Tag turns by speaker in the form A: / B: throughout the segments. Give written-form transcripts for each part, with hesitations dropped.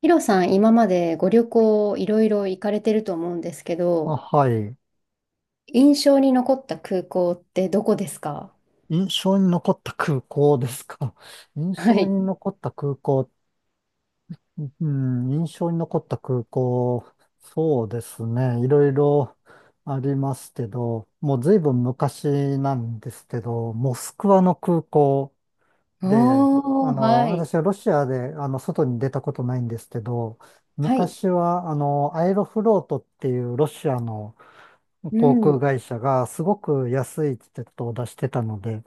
A: ヒロさん、今までご旅行いろいろ行かれてると思うんですけ
B: あ、
A: ど、
B: はい。
A: 印象に残った空港ってどこですか？
B: 印象に残った空港ですか。印
A: は
B: 象
A: い。
B: に残った空港、うん、印象に残った空港、そうですね。いろいろありますけど、もう随分昔なんですけど、モスクワの空港で、
A: おー、はい。
B: 私はロシアで、外に出たことないんですけど、
A: はい。
B: 昔は、アエロフロートっていうロシアの、
A: う
B: 航空
A: ん。
B: 会社がすごく安いチケットを出してたので、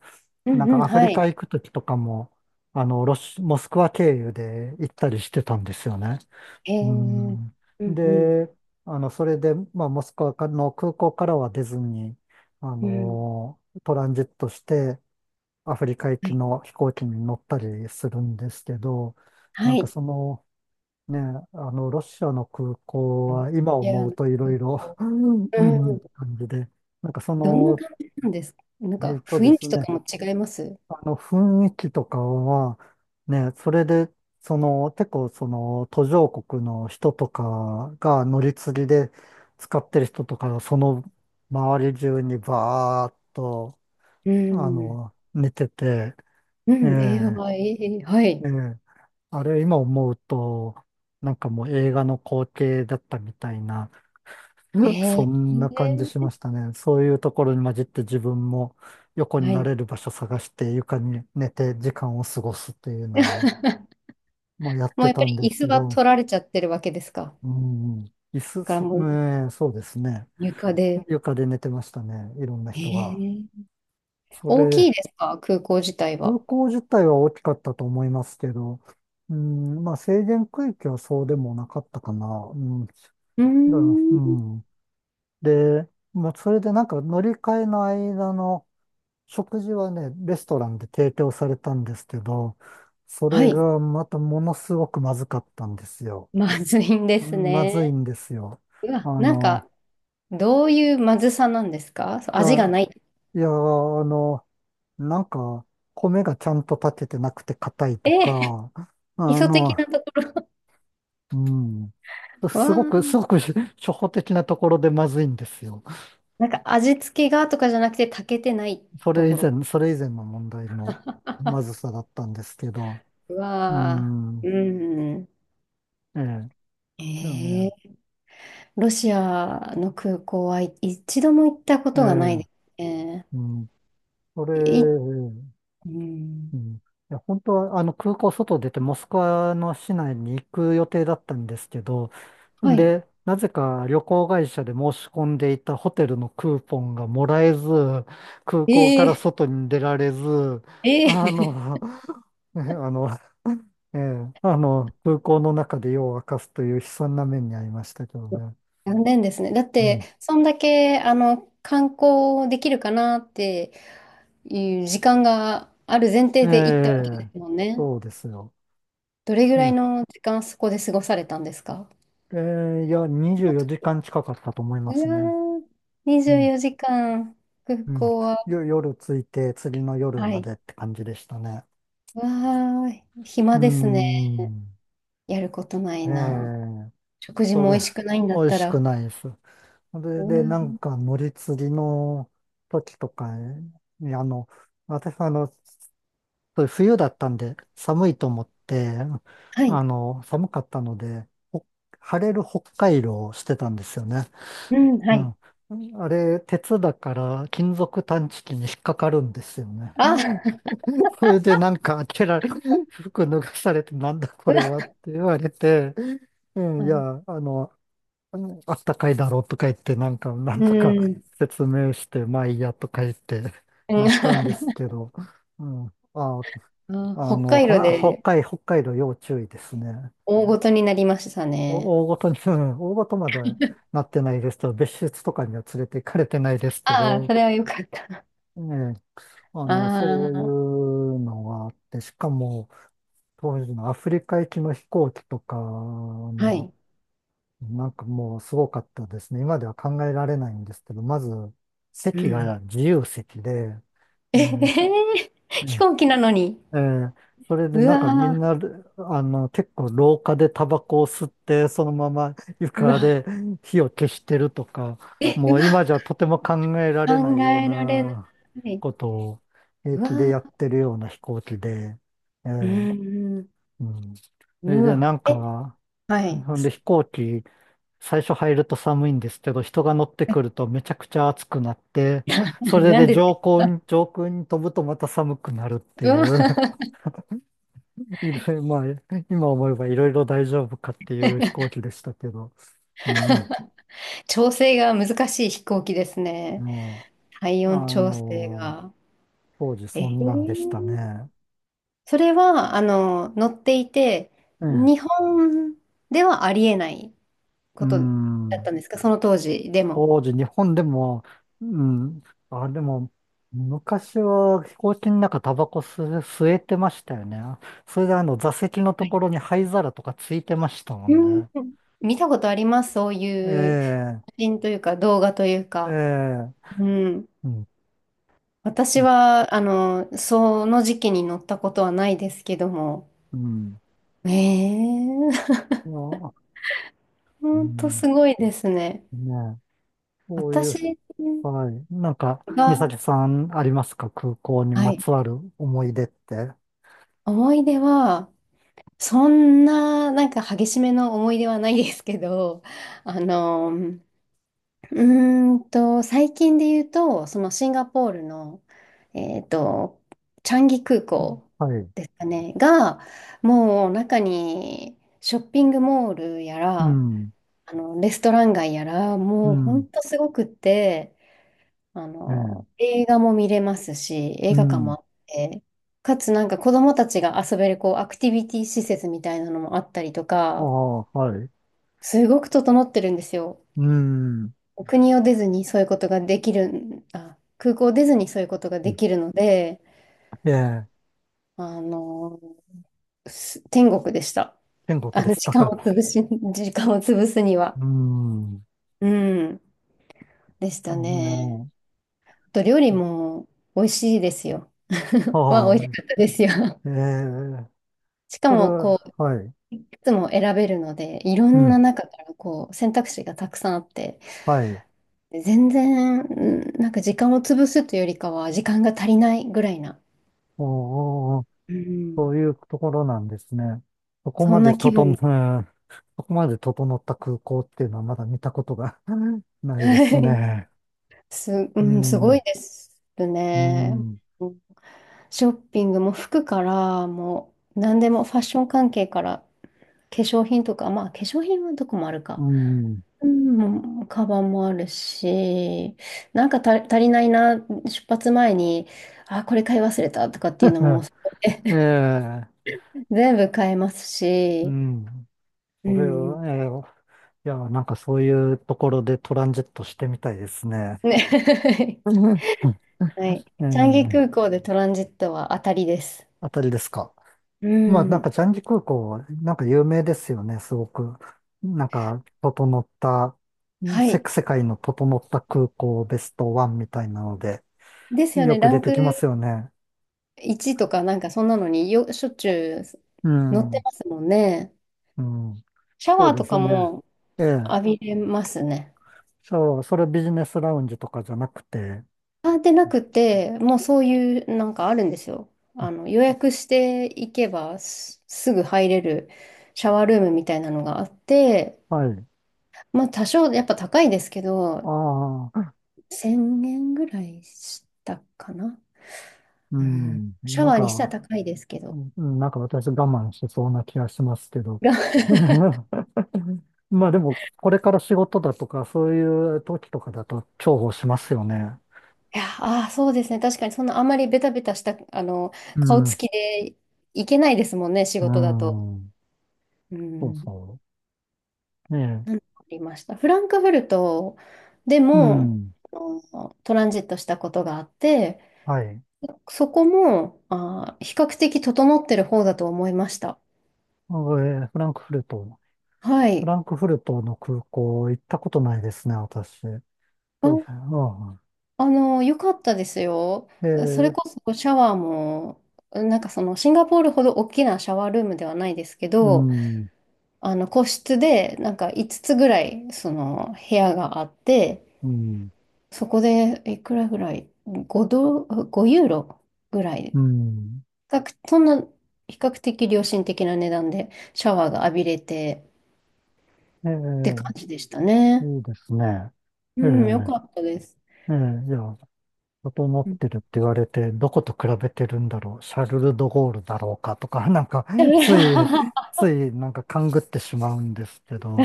A: う
B: なん
A: んう
B: か
A: ん、
B: アフ
A: は
B: リカ
A: い。
B: 行くときとかも、モスクワ経由で行ったりしてたんですよね。
A: え
B: う
A: ー、
B: ん。
A: うんうん。
B: で、あの、それで、まあ、モスクワの空港からは出ずに、
A: うん。
B: トランジットして、アフリカ行
A: は
B: き
A: い。
B: の飛行機に乗ったりするんですけど、なんかその、ねえ、ロシアの空港
A: はい。
B: は今
A: いや
B: 思
A: あ
B: う
A: の
B: といろ
A: 空
B: いろ、
A: 港。
B: うんう
A: う
B: ん
A: ん。
B: 感じで、なんかそ
A: どんな
B: の、
A: 感じなんですか？なん
B: えっ
A: か
B: とで
A: 雰囲
B: す
A: 気と
B: ね、
A: かも違います？
B: あの、雰囲気とかは、ね、それで、その、結構途上国の人とかが乗り継ぎで使ってる人とかが、その周り中にバーっと、
A: うん。
B: 寝てて、
A: う
B: え
A: ん。えー、
B: え、
A: はい。は
B: え
A: い。
B: え、あれ今思うと、なんかもう映画の光景だったみたいな、
A: え
B: そ
A: ー、
B: んな感じし
A: え
B: ましたね。そういうところに混じって自分も横
A: ーは
B: にな
A: い。
B: れる場所探して床に寝て時間を過ごすっていうのを もうやっ
A: もう
B: て
A: やっぱ
B: たんで
A: り椅
B: すけ
A: 子は
B: ど、
A: 取られちゃってるわけですか？
B: うん、椅子、
A: だから
B: そ、
A: もう
B: ねそうですね。
A: 床で。
B: 床で寝てましたね。いろんな
A: え
B: 人が。
A: ー、
B: そ
A: 大きい
B: れ、
A: ですか、空港自体
B: 空
A: は？
B: 港自体は大きかったと思いますけど、うん、まあ制限区域はそうでもなかったかな。うん、だか
A: うー
B: ら、う
A: ん。
B: ん。で、もうそれでなんか乗り換えの間の食事はね、レストランで提供されたんですけど、そ
A: は
B: れ
A: い。
B: がまたものすごくまずかったんですよ。
A: まずいんで
B: う
A: す
B: んまずい
A: ね。
B: んですよ。
A: うわ、
B: あ
A: なん
B: の、
A: か、どういうまずさなんですか？そう、
B: いや、
A: 味がない？
B: いや、あの、なんか、米がちゃんと炊けてなくて硬い
A: え
B: と
A: ー、
B: か、
A: 基
B: あ
A: 礎
B: の、
A: 的なところ。
B: う
A: わ
B: すごく、
A: ー
B: すごく 初歩的なところでまずいんですよ。
A: なんか味付けがとかじゃなくて炊けてないところ。
B: それ以前の問題のまず さだったんですけど、
A: う
B: う
A: わー
B: ん、
A: うん。
B: ええ、でも
A: え
B: ね、
A: ー、ロシアの空港、はい、一度も行ったこ
B: え
A: とがないで
B: え、
A: すね。
B: うんそれ、
A: い、
B: う
A: うん。
B: んいや、本当は、空港外出て、モスクワの市内に行く予定だったんですけど、ん
A: はい。
B: で、なぜか旅行会社で申し込んでいたホテルのクーポンがもらえず、空港から
A: ええ
B: 外に出られず、
A: え
B: あ
A: え
B: の、ねあの、ええ、あの、空港の中で夜を明かすという悲惨な目に遭いましたけど ね。
A: 残念ですね。だっ
B: う
A: て、
B: ん。
A: そんだけ、あの、観光できるかなっていう時間がある前
B: え
A: 提で行ったわけで
B: え、
A: すもんね。
B: そうですよ。
A: どれぐ
B: い
A: らい
B: や、
A: の時間そこで過ごされたんですか？
B: え
A: そ
B: 24
A: の時
B: 時間
A: は。
B: 近かったと思い
A: う
B: ますね。
A: わー、
B: う
A: 24
B: ん、
A: 時間、空
B: うん。
A: 港は？
B: 夜着いて、次の夜
A: は
B: ま
A: い。
B: でって感じでしたね。
A: わー、
B: うー
A: 暇ですね。
B: ん。
A: やることない
B: え
A: な。
B: え
A: 食事
B: そ
A: も美
B: れ、
A: 味しくないんだ
B: 美
A: っ
B: 味
A: た
B: しく
A: ら。
B: ないです。そ
A: う
B: れ
A: わ
B: で、なんか、乗り継ぎの時とかに、あの、私、あの、そう冬だったんで、寒いと思って、
A: はい。
B: 寒かったので、晴れる北海道をしてたんですよね。
A: うん、は
B: う
A: い。
B: ん。あれ、鉄だから金属探知機に引っかかるんですよね。
A: あ、
B: それでなんか開けられ、服脱がされてなんだこれはって言われて、う
A: う
B: んい
A: ん。
B: や、あの、うんあったかいだろうとか言って、なん
A: うん。
B: とか
A: うん
B: 説明して、まあいいやとか言って、なったんです けど、うん、あ、
A: あ、
B: あ
A: 北
B: の、
A: 海
B: ほ
A: 道で。
B: 北海、北海道要注意ですね。
A: 大ごとになりましたね。
B: お大ごとに、うん大ごとまではなってないですけど、別室とかには連れて行かれてないですけ
A: ああ、そ
B: ど、
A: れはよかった。
B: ね、
A: あ
B: そうい
A: あ、
B: うのがあって、しかも、当時のアフリカ行きの飛行機とか
A: はい。
B: なんかもうすごかったですね。今では考えられないんですけど、まず、
A: う
B: 席
A: ん。
B: が自由席で、え
A: ええ
B: ー
A: ー、
B: うん
A: 飛行機なのに。
B: えーそれで
A: う
B: なんかみ
A: わ
B: ん
A: ー、
B: な、結構廊下でタバコを吸って、そのまま
A: う
B: 床
A: わ
B: で火を消してるとか、
A: ー。え、
B: も
A: う
B: う
A: わ
B: 今じゃとても考えられな
A: ー、
B: い
A: 考
B: よう
A: えられな
B: な
A: い。
B: ことを平
A: うわ
B: 気でやっ
A: ー、
B: てるような飛行機で、え
A: う
B: ー
A: ん、
B: うん。それ
A: う
B: で、
A: わ。
B: なん
A: え、
B: か、
A: はい。
B: ほんで飛行機、最初入ると寒いんですけど、人が乗ってくるとめちゃくちゃ暑くなって、そ れ
A: なん
B: で
A: で、
B: 上空に飛ぶとまた寒くなるって
A: う
B: い
A: わ
B: う、
A: ー、
B: いろいろ、まあ、今思えばいろいろ大丈夫かっていう飛行機でしたけど、うん、
A: 調整が難しい飛行機ですね。
B: も
A: 体
B: あ
A: 温調整
B: の
A: が。
B: 当時
A: え
B: そんなんでした
A: ー、
B: ね。
A: それは、あの、載っていて、
B: え
A: 日
B: え
A: 本ではありえない
B: う
A: ことだっ
B: ん。
A: たんですか、その当時でも？
B: 当時、日本でも、うん、あ、でも、昔は飛行機の中タバコ吸、吸えてましたよね。それであの座席のと
A: はい。
B: ころに灰皿とかついてましたもん
A: うん、
B: ね。
A: 見たことあります、そういう写
B: え
A: 真というか、動画という
B: え、え
A: か。
B: え、
A: うん。
B: うん、
A: 私
B: う
A: は、あの、その時期に乗ったことはないですけども。
B: ん。
A: ええ、
B: うんあう
A: 本当
B: ん、
A: すごいですね。
B: ね、そういう、
A: 私
B: はい。なんか、美
A: が、
B: 咲さんありますか空港に
A: は
B: ま
A: い、
B: つわる思い出って。
A: 思い出は、そんな、なんか激しめの思い出はないですけど、あの、最近で言うと、そのシンガポールの、えっと、チャンギ空港
B: はい。
A: ですかね、が、もう中にショッピングモールや
B: う
A: ら、
B: ん、
A: あの、レストラン街やら、
B: う
A: もうほ
B: ん、
A: んとすごくって、あ
B: ええ、
A: の、映画も見れますし、
B: う
A: 映画館も
B: ん。
A: あって、かつなんか子供たちが遊べるこうアクティビティ施設みたいなのもあったりと
B: あ
A: か、
B: あ、はい。
A: すごく整ってるんですよ。
B: うん。
A: お国を出ずにそういうことができるん、あ、空港を出ずにそういうことができるので、
B: ええ、
A: あの、天国でした。
B: 天国
A: あ
B: で
A: の、
B: したか。
A: 時間を潰すに
B: う
A: は。
B: ーん。
A: うん、でし
B: あ
A: たね。
B: の、
A: と料理も美味しいですよ。は美
B: は
A: 味しかったですよ。
B: い。ええ、
A: しか
B: それ
A: も、こ
B: は、
A: う、
B: はい。
A: つも選べるので、いろ
B: う
A: ん
B: ん。
A: な中からこう選択肢がたくさんあって、
B: はい。
A: 全然うんなんか時間を潰すというよりかは時間が足りないぐらいな、
B: おお、
A: うん。
B: そういうところなんですね。そこ
A: そ
B: ま
A: ん
B: で
A: な気
B: 整
A: 分
B: う、
A: に。
B: うんそこまで整った空港っていうのはまだ見たことが ないで
A: は
B: す
A: い、
B: ね。
A: う
B: う
A: ん、すごい
B: ん。
A: です
B: う
A: ね。
B: ん。
A: うん、ショッピングも服からもう何でもファッション関係から化粧品とか、まあ化粧品はどこもある
B: う
A: か。
B: ん。
A: うん、カバンもあるし、なんか足りないな、出発前に、あ、これ買い忘れたとかっていうのも
B: ええ、
A: 全部買えます
B: う
A: し、
B: ん。
A: う
B: それ
A: ん。ね。
B: は、ええ、いや、なんかそういうところでトランジットしてみたいですね。
A: はい。
B: え
A: チャンギ
B: え、
A: 空港でトランジットは当たりです。
B: あたりですか。
A: う
B: まあ、なんか、
A: ん。
B: ジャンジ空港、なんか有名ですよね、すごく。なんか、整った、
A: は
B: せ、
A: い。
B: 世界の整った空港ベストワンみたいなので、
A: ですよ
B: よ
A: ね。
B: く
A: ラ
B: 出
A: ン
B: て
A: ク
B: きますよね。
A: 1とかなんかそんなのによ、しょっちゅう
B: う
A: 乗って
B: ん、
A: ますもんね。
B: うん、
A: シャ
B: そ
A: ワ
B: う
A: ー
B: で
A: とか
B: すね。
A: も
B: ええ、
A: 浴びれますね。
B: そう、それビジネスラウンジとかじゃなくて、
A: あ、でなくて、もうそういうなんかあるんですよ。あの、予約していけばすぐ入れるシャワールームみたいなのがあって、
B: はい。
A: まあ多少やっぱ高いですけど、
B: ああ、
A: 1000円ぐらいしたかな。
B: う
A: うん。
B: ん、
A: シャワーにしたら高いですけど。
B: なんか私我慢しそうな気がしますけど。
A: が
B: まあでも、これから仕事だとか、そういう時とかだと重宝しますよね。
A: いや、ああ、そうですね。確かにそんなあまりベタベタした、あの、
B: う
A: 顔つ
B: ん、
A: きでいけないですもんね、仕
B: う
A: 事だと。
B: ん、
A: う
B: そう
A: ん。
B: そう。ね
A: なんかありました。フランクフルトで
B: え、う
A: も、
B: ん、
A: あの、トランジットしたことがあって、
B: はい。
A: そこもあー比較的整ってる方だと思いました。
B: フランクフルト。
A: は
B: フ
A: い。
B: ランクフルトの空港行ったことないですね、私。
A: あ、
B: どういう
A: あの、良かったですよ。
B: う
A: そ
B: ん、え
A: れこ
B: ー
A: そシャワーも、なんかそのシンガポールほど大きなシャワールームではないですけ
B: う
A: ど、
B: ん、
A: あの個室でなんか5つぐらいその部屋があって、
B: うん、
A: そこでいくらぐらい？ 5 ドル、5ユーロぐら
B: う
A: い。
B: ん。
A: そんな比較的良心的な値段でシャワーが浴びれて
B: え
A: って感
B: ー
A: じでしたね。
B: いいですね。
A: う
B: ええ
A: ん、よかったです。
B: えじいや、整っ
A: うん
B: てるって言われて、どこと比べてるんだろう、シャルル・ド・ゴールだろうかとか、なんか、つい、つい、なんか勘ぐってしまうんですけど、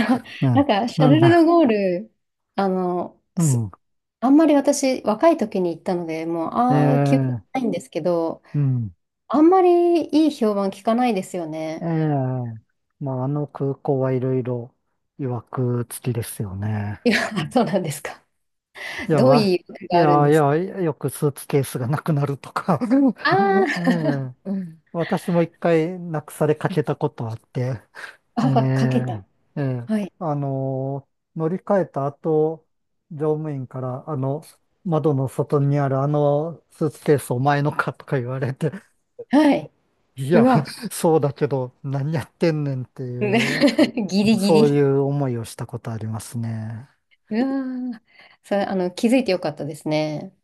A: なん
B: ね
A: か、シャ
B: なん
A: ルル・ド・
B: か、
A: ゴール、あの、
B: うん、
A: あんまり私、若い時に行ったので、もう、ああ、記憶
B: ええ
A: ないんですけど、
B: うん、
A: あんまりいい評判聞かないですよ
B: え
A: ね。
B: えまあ、あの空港はいろいろ、曰く付きですよね。
A: いや、そうなんですか。
B: いや、
A: どう
B: わ、
A: いう意味
B: い
A: があるん
B: や、い
A: ですか？
B: や、よくスーツケースがなくなるとか
A: あ
B: ええ私も一回なくされか
A: ー
B: けたことあって、え
A: あ、かけた。
B: え、ええ、
A: はい。
B: あの乗り換えた後、乗務員から、あの、窓の外にあるあのスーツケースお前のかとか言われて、
A: はい。
B: い
A: う
B: や、
A: わ。
B: そうだけど、何やってんねんってい
A: ね
B: う、
A: ギ
B: あの、
A: リギ
B: そうい
A: リ。
B: う思いをしたことありますね。
A: うわー、それ、あの、気づいてよかったですね。